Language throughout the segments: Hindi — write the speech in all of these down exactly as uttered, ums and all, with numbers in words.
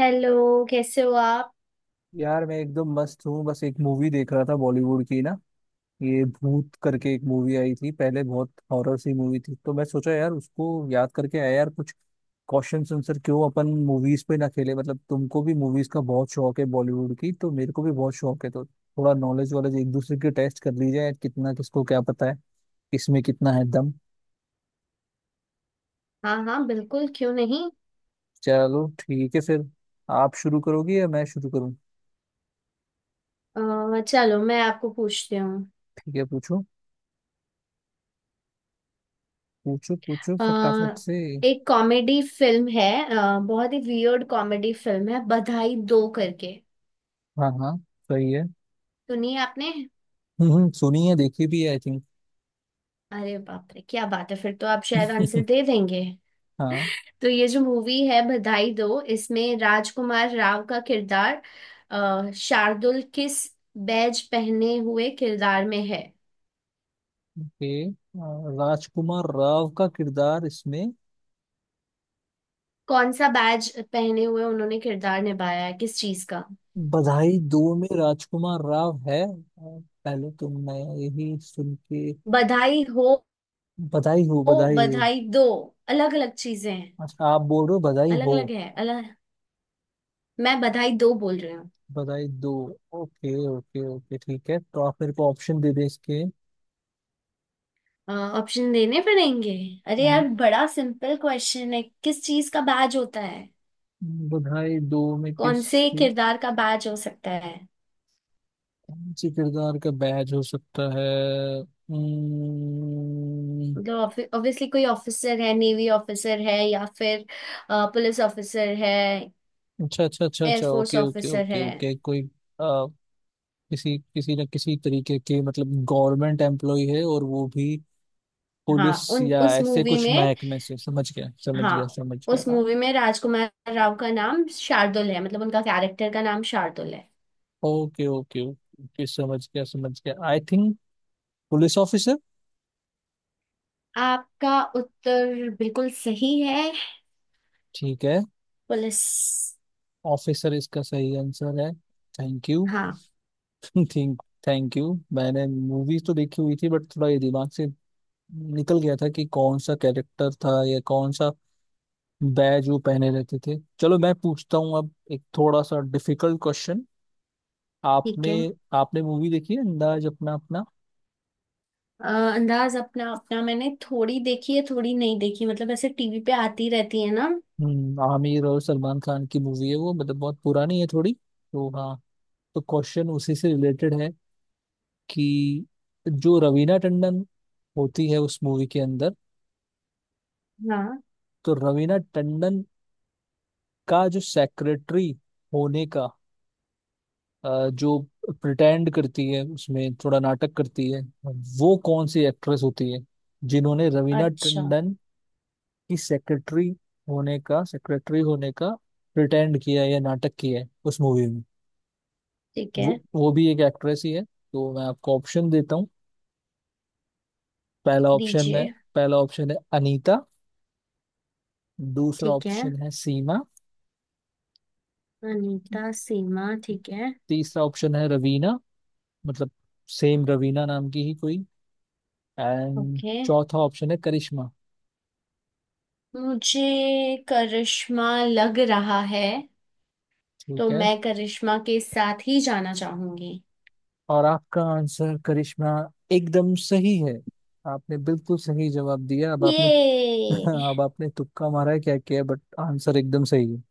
हेलो, कैसे हो आप? यार मैं एकदम मस्त हूँ। बस एक मूवी देख रहा था बॉलीवुड की ना, ये भूत करके एक मूवी आई थी पहले, बहुत हॉरर सी मूवी थी। तो मैं सोचा यार उसको याद करके आया यार, कुछ क्वेश्चन आंसर क्यों अपन मूवीज पे ना खेले। मतलब तुमको भी मूवीज का बहुत शौक है बॉलीवुड की, तो मेरे को भी बहुत शौक है, तो थोड़ा नॉलेज वॉलेज एक दूसरे की टेस्ट कर ली जाए, कितना किसको क्या पता है, किसमें कितना है दम। हाँ हाँ, बिल्कुल, क्यों नहीं? चलो ठीक है फिर। आप शुरू करोगी या मैं शुरू करूँ? अ, चलो, मैं आपको पूछती हूँ। ठीक है, पूछो। पूछो पूछो अ, फटाफट से। एक कॉमेडी फिल्म है। अ, बहुत ही वियर्ड कॉमेडी फिल्म है, बधाई दो करके। हाँ हाँ, सही है। सुनी है आपने? हम्म, सुनी है, देखी भी है आई थिंक। अरे बाप रे, क्या बात है! फिर तो आप शायद आंसर दे देंगे। हाँ। तो ये जो मूवी है बधाई दो, इसमें राजकुमार राव का किरदार, अ, शार्दुल, किस बैज पहने हुए किरदार में है? ओके, राजकुमार राव का किरदार इसमें। कौन सा बैज पहने हुए उन्होंने किरदार निभाया है, किस चीज का? बधाई दो में राजकुमार राव है। अ, पहले तो मैं यही सुन के बधाई हो। बधाई हो, हो, बधाई हो। बधाई दो। अलग अलग चीजें हैं। अच्छा, आप बोल रहे हो बधाई अलग हो। अलग है, अलग। मैं बधाई दो बोल रही हूँ। Badhaai Do. Okay okay okay, ठीक है तो आप मेरे को ऑप्शन दे दे इसके। ऑप्शन देने पड़ेंगे? अरे अम, यार, बड़ा सिंपल क्वेश्चन है, किस चीज का बैज होता है? बधाई दो में कौन किस, से किरदार का बैज हो सकता है? कौन से किरदार का बैज हो सकता है। अम्म, मतलब, ऑब्वियसली कोई ऑफिसर है, नेवी ऑफिसर है, या फिर पुलिस ऑफिसर है, अच्छा अच्छा अच्छा अच्छा, air force okay okay officer okay है। ओके, कोई आ, किसी किसी न किसी तरीके के मतलब गवर्नमेंट एम्प्लॉय है, और वो भी पुलिस हाँ, उन या उस ऐसे मूवी कुछ में। महकमे से। समझ गया समझ गया हाँ। समझ उस गया। मूवी में राजकुमार राव का नाम शार्दुल है, मतलब उनका कैरेक्टर का नाम शार्दुल है। ओके ओके ओके, समझ गया समझ गया आई थिंक पुलिस ऑफिसर। आपका उत्तर बिल्कुल सही है। ठीक है, पुलिस। ऑफिसर इसका सही आंसर है। Thank you. हाँ। Think, thank you. मैंने मूवीज तो देखी हुई थी बट थोड़ा ये दिमाग से निकल गया था कि कौन सा कैरेक्टर था या कौन सा बैज वो पहने रहते थे। चलो मैं पूछता हूँ अब, एक थोड़ा सा डिफिकल्ट क्वेश्चन। ठीक आपने है। आपने मूवी देखी है अंदाज अपना अपना? अ, अंदाज अपना अपना मैंने थोड़ी देखी है, थोड़ी नहीं देखी, मतलब ऐसे टीवी पे आती रहती है ना। हम्म, आमिर और सलमान खान की मूवी है वो, मतलब बहुत पुरानी है थोड़ी, तो हाँ, तो क्वेश्चन उसी से रिलेटेड है कि जो रवीना टंडन होती है उस मूवी के अंदर, हाँ। तो रवीना टंडन का जो सेक्रेटरी होने का अ, जो प्रिटेंड करती है, उसमें थोड़ा नाटक करती है, वो कौन सी एक्ट्रेस होती है जिन्होंने रवीना अच्छा। टंडन की सेक्रेटरी होने का सेक्रेटरी होने का प्रिटेंड किया है या नाटक किया है उस मूवी में। ठीक है। वो वो भी एक एक्ट्रेस ही है। तो मैं आपको ऑप्शन देता हूँ। पहला ऑप्शन है दीजिए। पहला ऑप्शन है अनीता। दूसरा ठीक है। ऑप्शन है सीमा। अनीता, सीमा, ठीक है। तीसरा ऑप्शन है रवीना, मतलब सेम रवीना नाम की ही कोई। End okay. चौथा ऑप्शन है करिश्मा। मुझे करिश्मा लग रहा है। तो ठीक है, मैं करिश्मा के साथ ही जाना चाहूंगी। और आपका आंसर करिश्मा एकदम सही है। आपने बिल्कुल सही जवाब दिया। अब आपने, ये, अब आपने तुक्का मारा है क्या किया, बट आंसर एकदम सही है।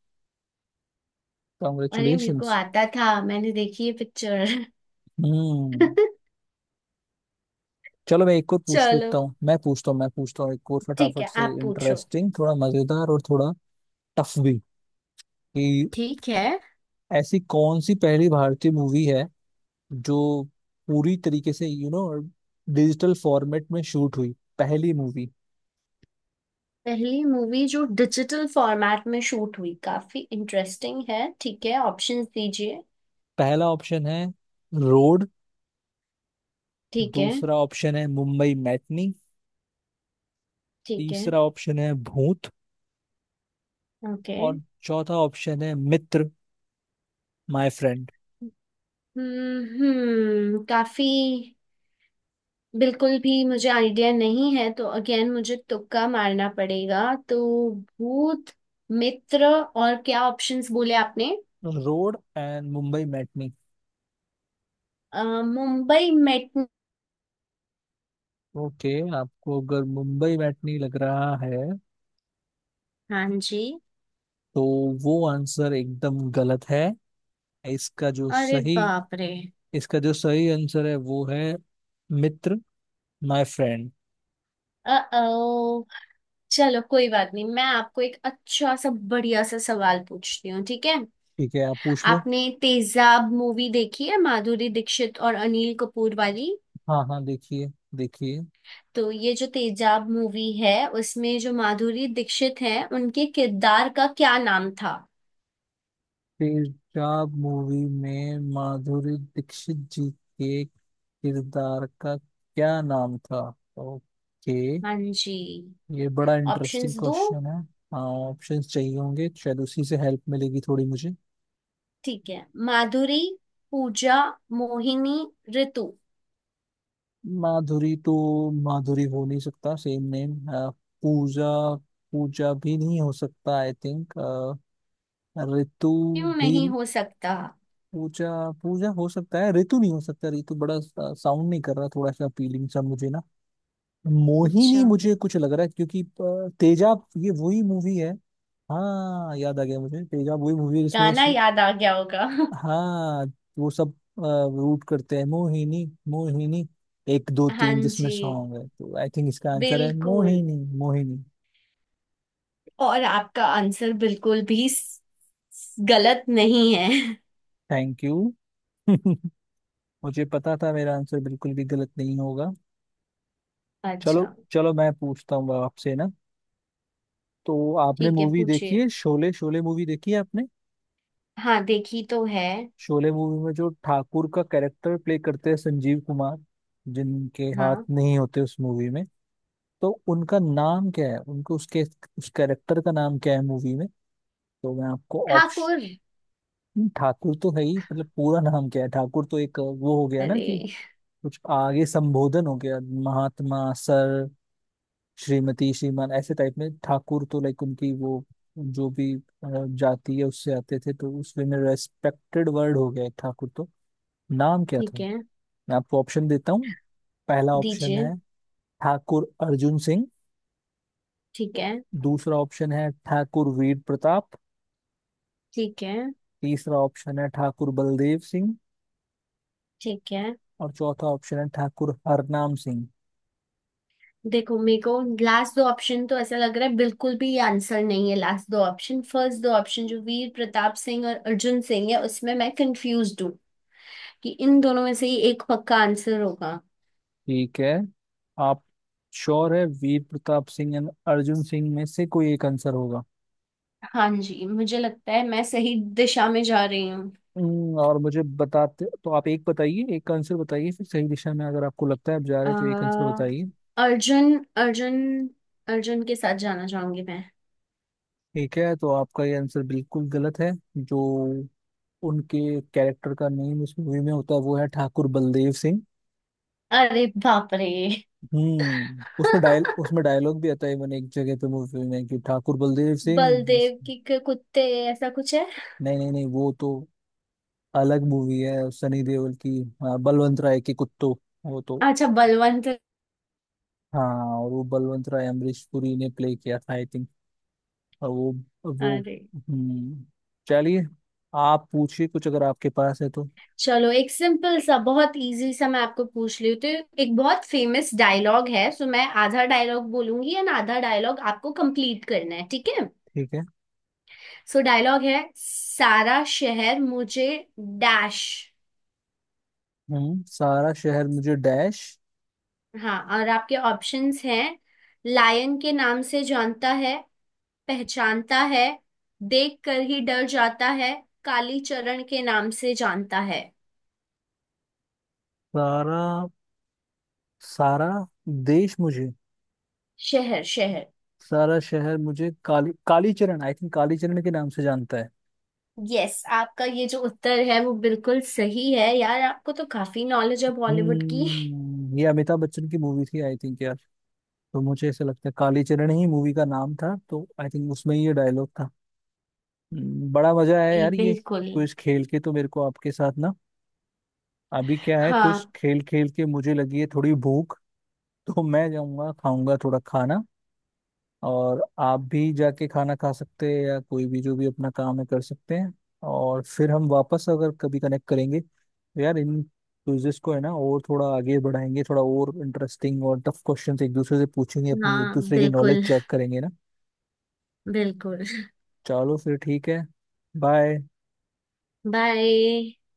अरे, मेरे को कॉन्ग्रेचुलेशंस। आता था, मैंने देखी है पिक्चर। हम्म। चलो मैं एक और पूछ लेता चलो। हूँ। मैं पूछता हूँ मैं पूछता हूँ एक और ठीक फटाफट है, से, आप पूछो। इंटरेस्टिंग, थोड़ा मजेदार और थोड़ा टफ भी। कि ठीक है। ऐसी कौन सी पहली भारतीय मूवी है जो पूरी तरीके से यू नो डिजिटल फॉर्मेट में शूट हुई, पहली मूवी। पहली मूवी जो डिजिटल फॉर्मेट में शूट हुई, काफी इंटरेस्टिंग है। ठीक है, ऑप्शंस दीजिए। पहला ऑप्शन है रोड। ठीक है। दूसरा ऑप्शन है मुंबई मैटनी। ठीक है। तीसरा ऑप्शन है भूत। ओके। और चौथा ऑप्शन है मित्र माय फ्रेंड। हम्म, हम्म। काफी, बिल्कुल भी मुझे आइडिया नहीं है, तो अगेन मुझे तुक्का मारना पड़ेगा। तो, भूत, मित्र, और क्या ऑप्शंस बोले आपने? Road and Mumbai matinee. A, Mumbai metro. Okay, आपको अगर मुंबई मैटनी लग रहा है हाँ जी। तो वो आंसर एकदम गलत है। इसका जो अरे सही बाप रे! इसका जो सही आंसर है वो है मित्र माय फ्रेंड। ओ, चलो कोई बात नहीं, मैं आपको एक अच्छा सा बढ़िया सा सवाल पूछती हूँ, ठीक है? ठीक है, आप पूछ लो। आपने तेजाब मूवी देखी है, माधुरी दीक्षित और अनिल कपूर वाली? हाँ हाँ, देखिए देखिए। तो ये जो तेजाब मूवी है, उसमें जो माधुरी दीक्षित है, उनके किरदार का क्या नाम था? तेजाब मूवी में माधुरी दीक्षित जी के किरदार का क्या नाम था? ओके, हाँ जी। ये बड़ा इंटरेस्टिंग ऑप्शंस दो। क्वेश्चन है। हाँ, ऑप्शंस चाहिए होंगे, शायद उसी से हेल्प मिलेगी थोड़ी मुझे। ठीक है। माधुरी, पूजा, मोहिनी, ऋतु। माधुरी तो, माधुरी हो नहीं सकता सेम नेम। पूजा, पूजा भी नहीं हो सकता आई थिंक। ऋतु क्यों भी, नहीं हो सकता? पूजा, पूजा हो सकता है, ऋतु नहीं हो सकता, ऋतु बड़ा साउंड नहीं कर रहा थोड़ा सा, फीलिंग सा मुझे ना। अच्छा। मोहिनी मुझे कुछ लग रहा है, क्योंकि अ, तेजाब ये वही मूवी है, हाँ याद आ गया मुझे, तेजाब वही मूवी है जिसमें वो गाना सु- याद आ गया होगा। हाँ, वो सब रूट करते हैं मोहिनी मोहिनी, एक दो हाँ तीन जिसमें जी, सॉन्ग है। तो आई थिंक इसका आंसर है बिल्कुल। मोहिनी मोहिनी। और आपका आंसर बिल्कुल भी स- गलत नहीं है। Thank you. मुझे पता था मेरा आंसर बिल्कुल भी गलत नहीं होगा। चलो अच्छा। चलो मैं पूछता हूँ आपसे ना, तो आपने ठीक है, मूवी देखी पूछिए। है शोले? शोले मूवी देखी है आपने हाँ, देखी तो है। शोले मूवी में जो ठाकुर का कैरेक्टर प्ले करते हैं संजीव कुमार, जिनके हाथ हाँ। नहीं होते उस मूवी में, तो उनका नाम क्या है, उनको उसके, उस कैरेक्टर का नाम क्या है मूवी में? तो मैं आपको ऑप्शन। ठाकुर। ठाकुर तो है ही, मतलब पूरा नाम क्या है? ठाकुर तो एक वो हो गया ना कि अरे। कुछ आगे संबोधन हो गया, महात्मा, सर, श्रीमती, श्रीमान ऐसे टाइप में। ठाकुर तो लाइक उनकी वो जो भी अ, जाति है उससे आते थे, तो उसमें रेस्पेक्टेड वर्ड हो गया एक ठाकुर, तो नाम क्या था? ठीक है, मैं आपको ऑप्शन देता हूँ। पहला ऑप्शन दीजिए। है ठाकुर अर्जुन सिंह। ठीक है। दूसरा ऑप्शन है ठाकुर वीर प्रताप। ठीक है। तीसरा ऑप्शन है ठाकुर बलदेव सिंह। ठीक है। और चौथा ऑप्शन है ठाकुर हरनाम सिंह। देखो, मेरे को लास्ट दो ऑप्शन तो ऐसा लग रहा है बिल्कुल भी आंसर नहीं है, लास्ट दो ऑप्शन। फर्स्ट दो ऑप्शन जो वीर प्रताप सिंह और अर्जुन सिंह है, उसमें मैं कंफ्यूज हूँ कि इन दोनों में से ही एक पक्का आंसर होगा। ठीक है, आप श्योर है वीर प्रताप सिंह एंड अर्जुन सिंह में से कोई एक आंसर होगा? हाँ जी, मुझे लगता है मैं सही दिशा में जा रही हूँ। हम्म, और मुझे बताते तो आप, एक बताइए, एक आंसर बताइए। फिर सही दिशा में अगर आपको लगता है आप जा रहे हैं, तो एक आंसर अ, बताइए। अर्जुन। अर्जुन। अर्जुन के साथ जाना चाहूंगी मैं। ठीक है, तो आपका ये आंसर बिल्कुल गलत है। जो उनके कैरेक्टर का नेम उस मूवी में होता है वो है ठाकुर बलदेव सिंह। अरे बाप रे! हम्म, उसमें डायल उसमें डायलॉग भी आता है इवन एक जगह पे मूवी में कि ठाकुर बलदेव सिंह बस- बलदेव की के कुत्ते, ऐसा कुछ है? नहीं नहीं नहीं, वो तो अलग मूवी है सनी देओल की। हाँ, बलवंत राय के कुत्तो, वो तो, अच्छा, बलवंत। हाँ, और वो बलवंत राय अमरीश पुरी ने प्ले किया था आई थिंक। और वो वो। अरे। हम्म, चलिए, आप पूछिए कुछ अगर आपके पास है तो। चलो, एक सिंपल सा बहुत इजी सा मैं आपको पूछ रही हूँ तो, एक बहुत फेमस डायलॉग है, सो मैं आधा डायलॉग बोलूंगी एंड आधा डायलॉग आपको कंप्लीट करना है, ठीक है? ठीक है। सो डायलॉग है, सारा शहर मुझे डैश। हम्म, सारा शहर मुझे डैश। हाँ, और आपके ऑप्शंस हैं, लायन के नाम से जानता है, पहचानता है, देख कर ही डर जाता है, काली चरण के नाम से जानता है। सारा सारा देश मुझे, शहर, शहर। सारा शहर मुझे काली, कालीचरण आई थिंक, कालीचरण के नाम से जानता है। यस, आपका ये जो उत्तर है वो बिल्कुल सही है। यार, आपको तो काफी नॉलेज है बॉलीवुड की। हम्म, ये अमिताभ बच्चन की मूवी थी आई थिंक यार, तो मुझे ऐसा लगता है कालीचरण ही मूवी का नाम था, तो आई थिंक उसमें ही ये डायलॉग था। हम्म, बड़ा मजा आया जी यार ये बिल्कुल। कुछ खेल के तो मेरे को आपके साथ ना। अभी क्या है, कुछ हाँ खेल खेल के मुझे लगी है थोड़ी भूख, तो मैं जाऊंगा, खाऊंगा थोड़ा खाना, और आप भी जाके खाना खा सकते हैं या कोई भी जो भी अपना काम है कर सकते हैं। और फिर हम वापस अगर कभी कनेक्ट करेंगे तो यार इन क्विजेस को है ना और थोड़ा आगे बढ़ाएंगे, थोड़ा और इंटरेस्टिंग और टफ क्वेश्चन एक दूसरे से पूछेंगे, अपनी एक हाँ, दूसरे की नॉलेज बिल्कुल, चेक करेंगे ना। बिल्कुल। चलो फिर, ठीक है, बाय। बाय।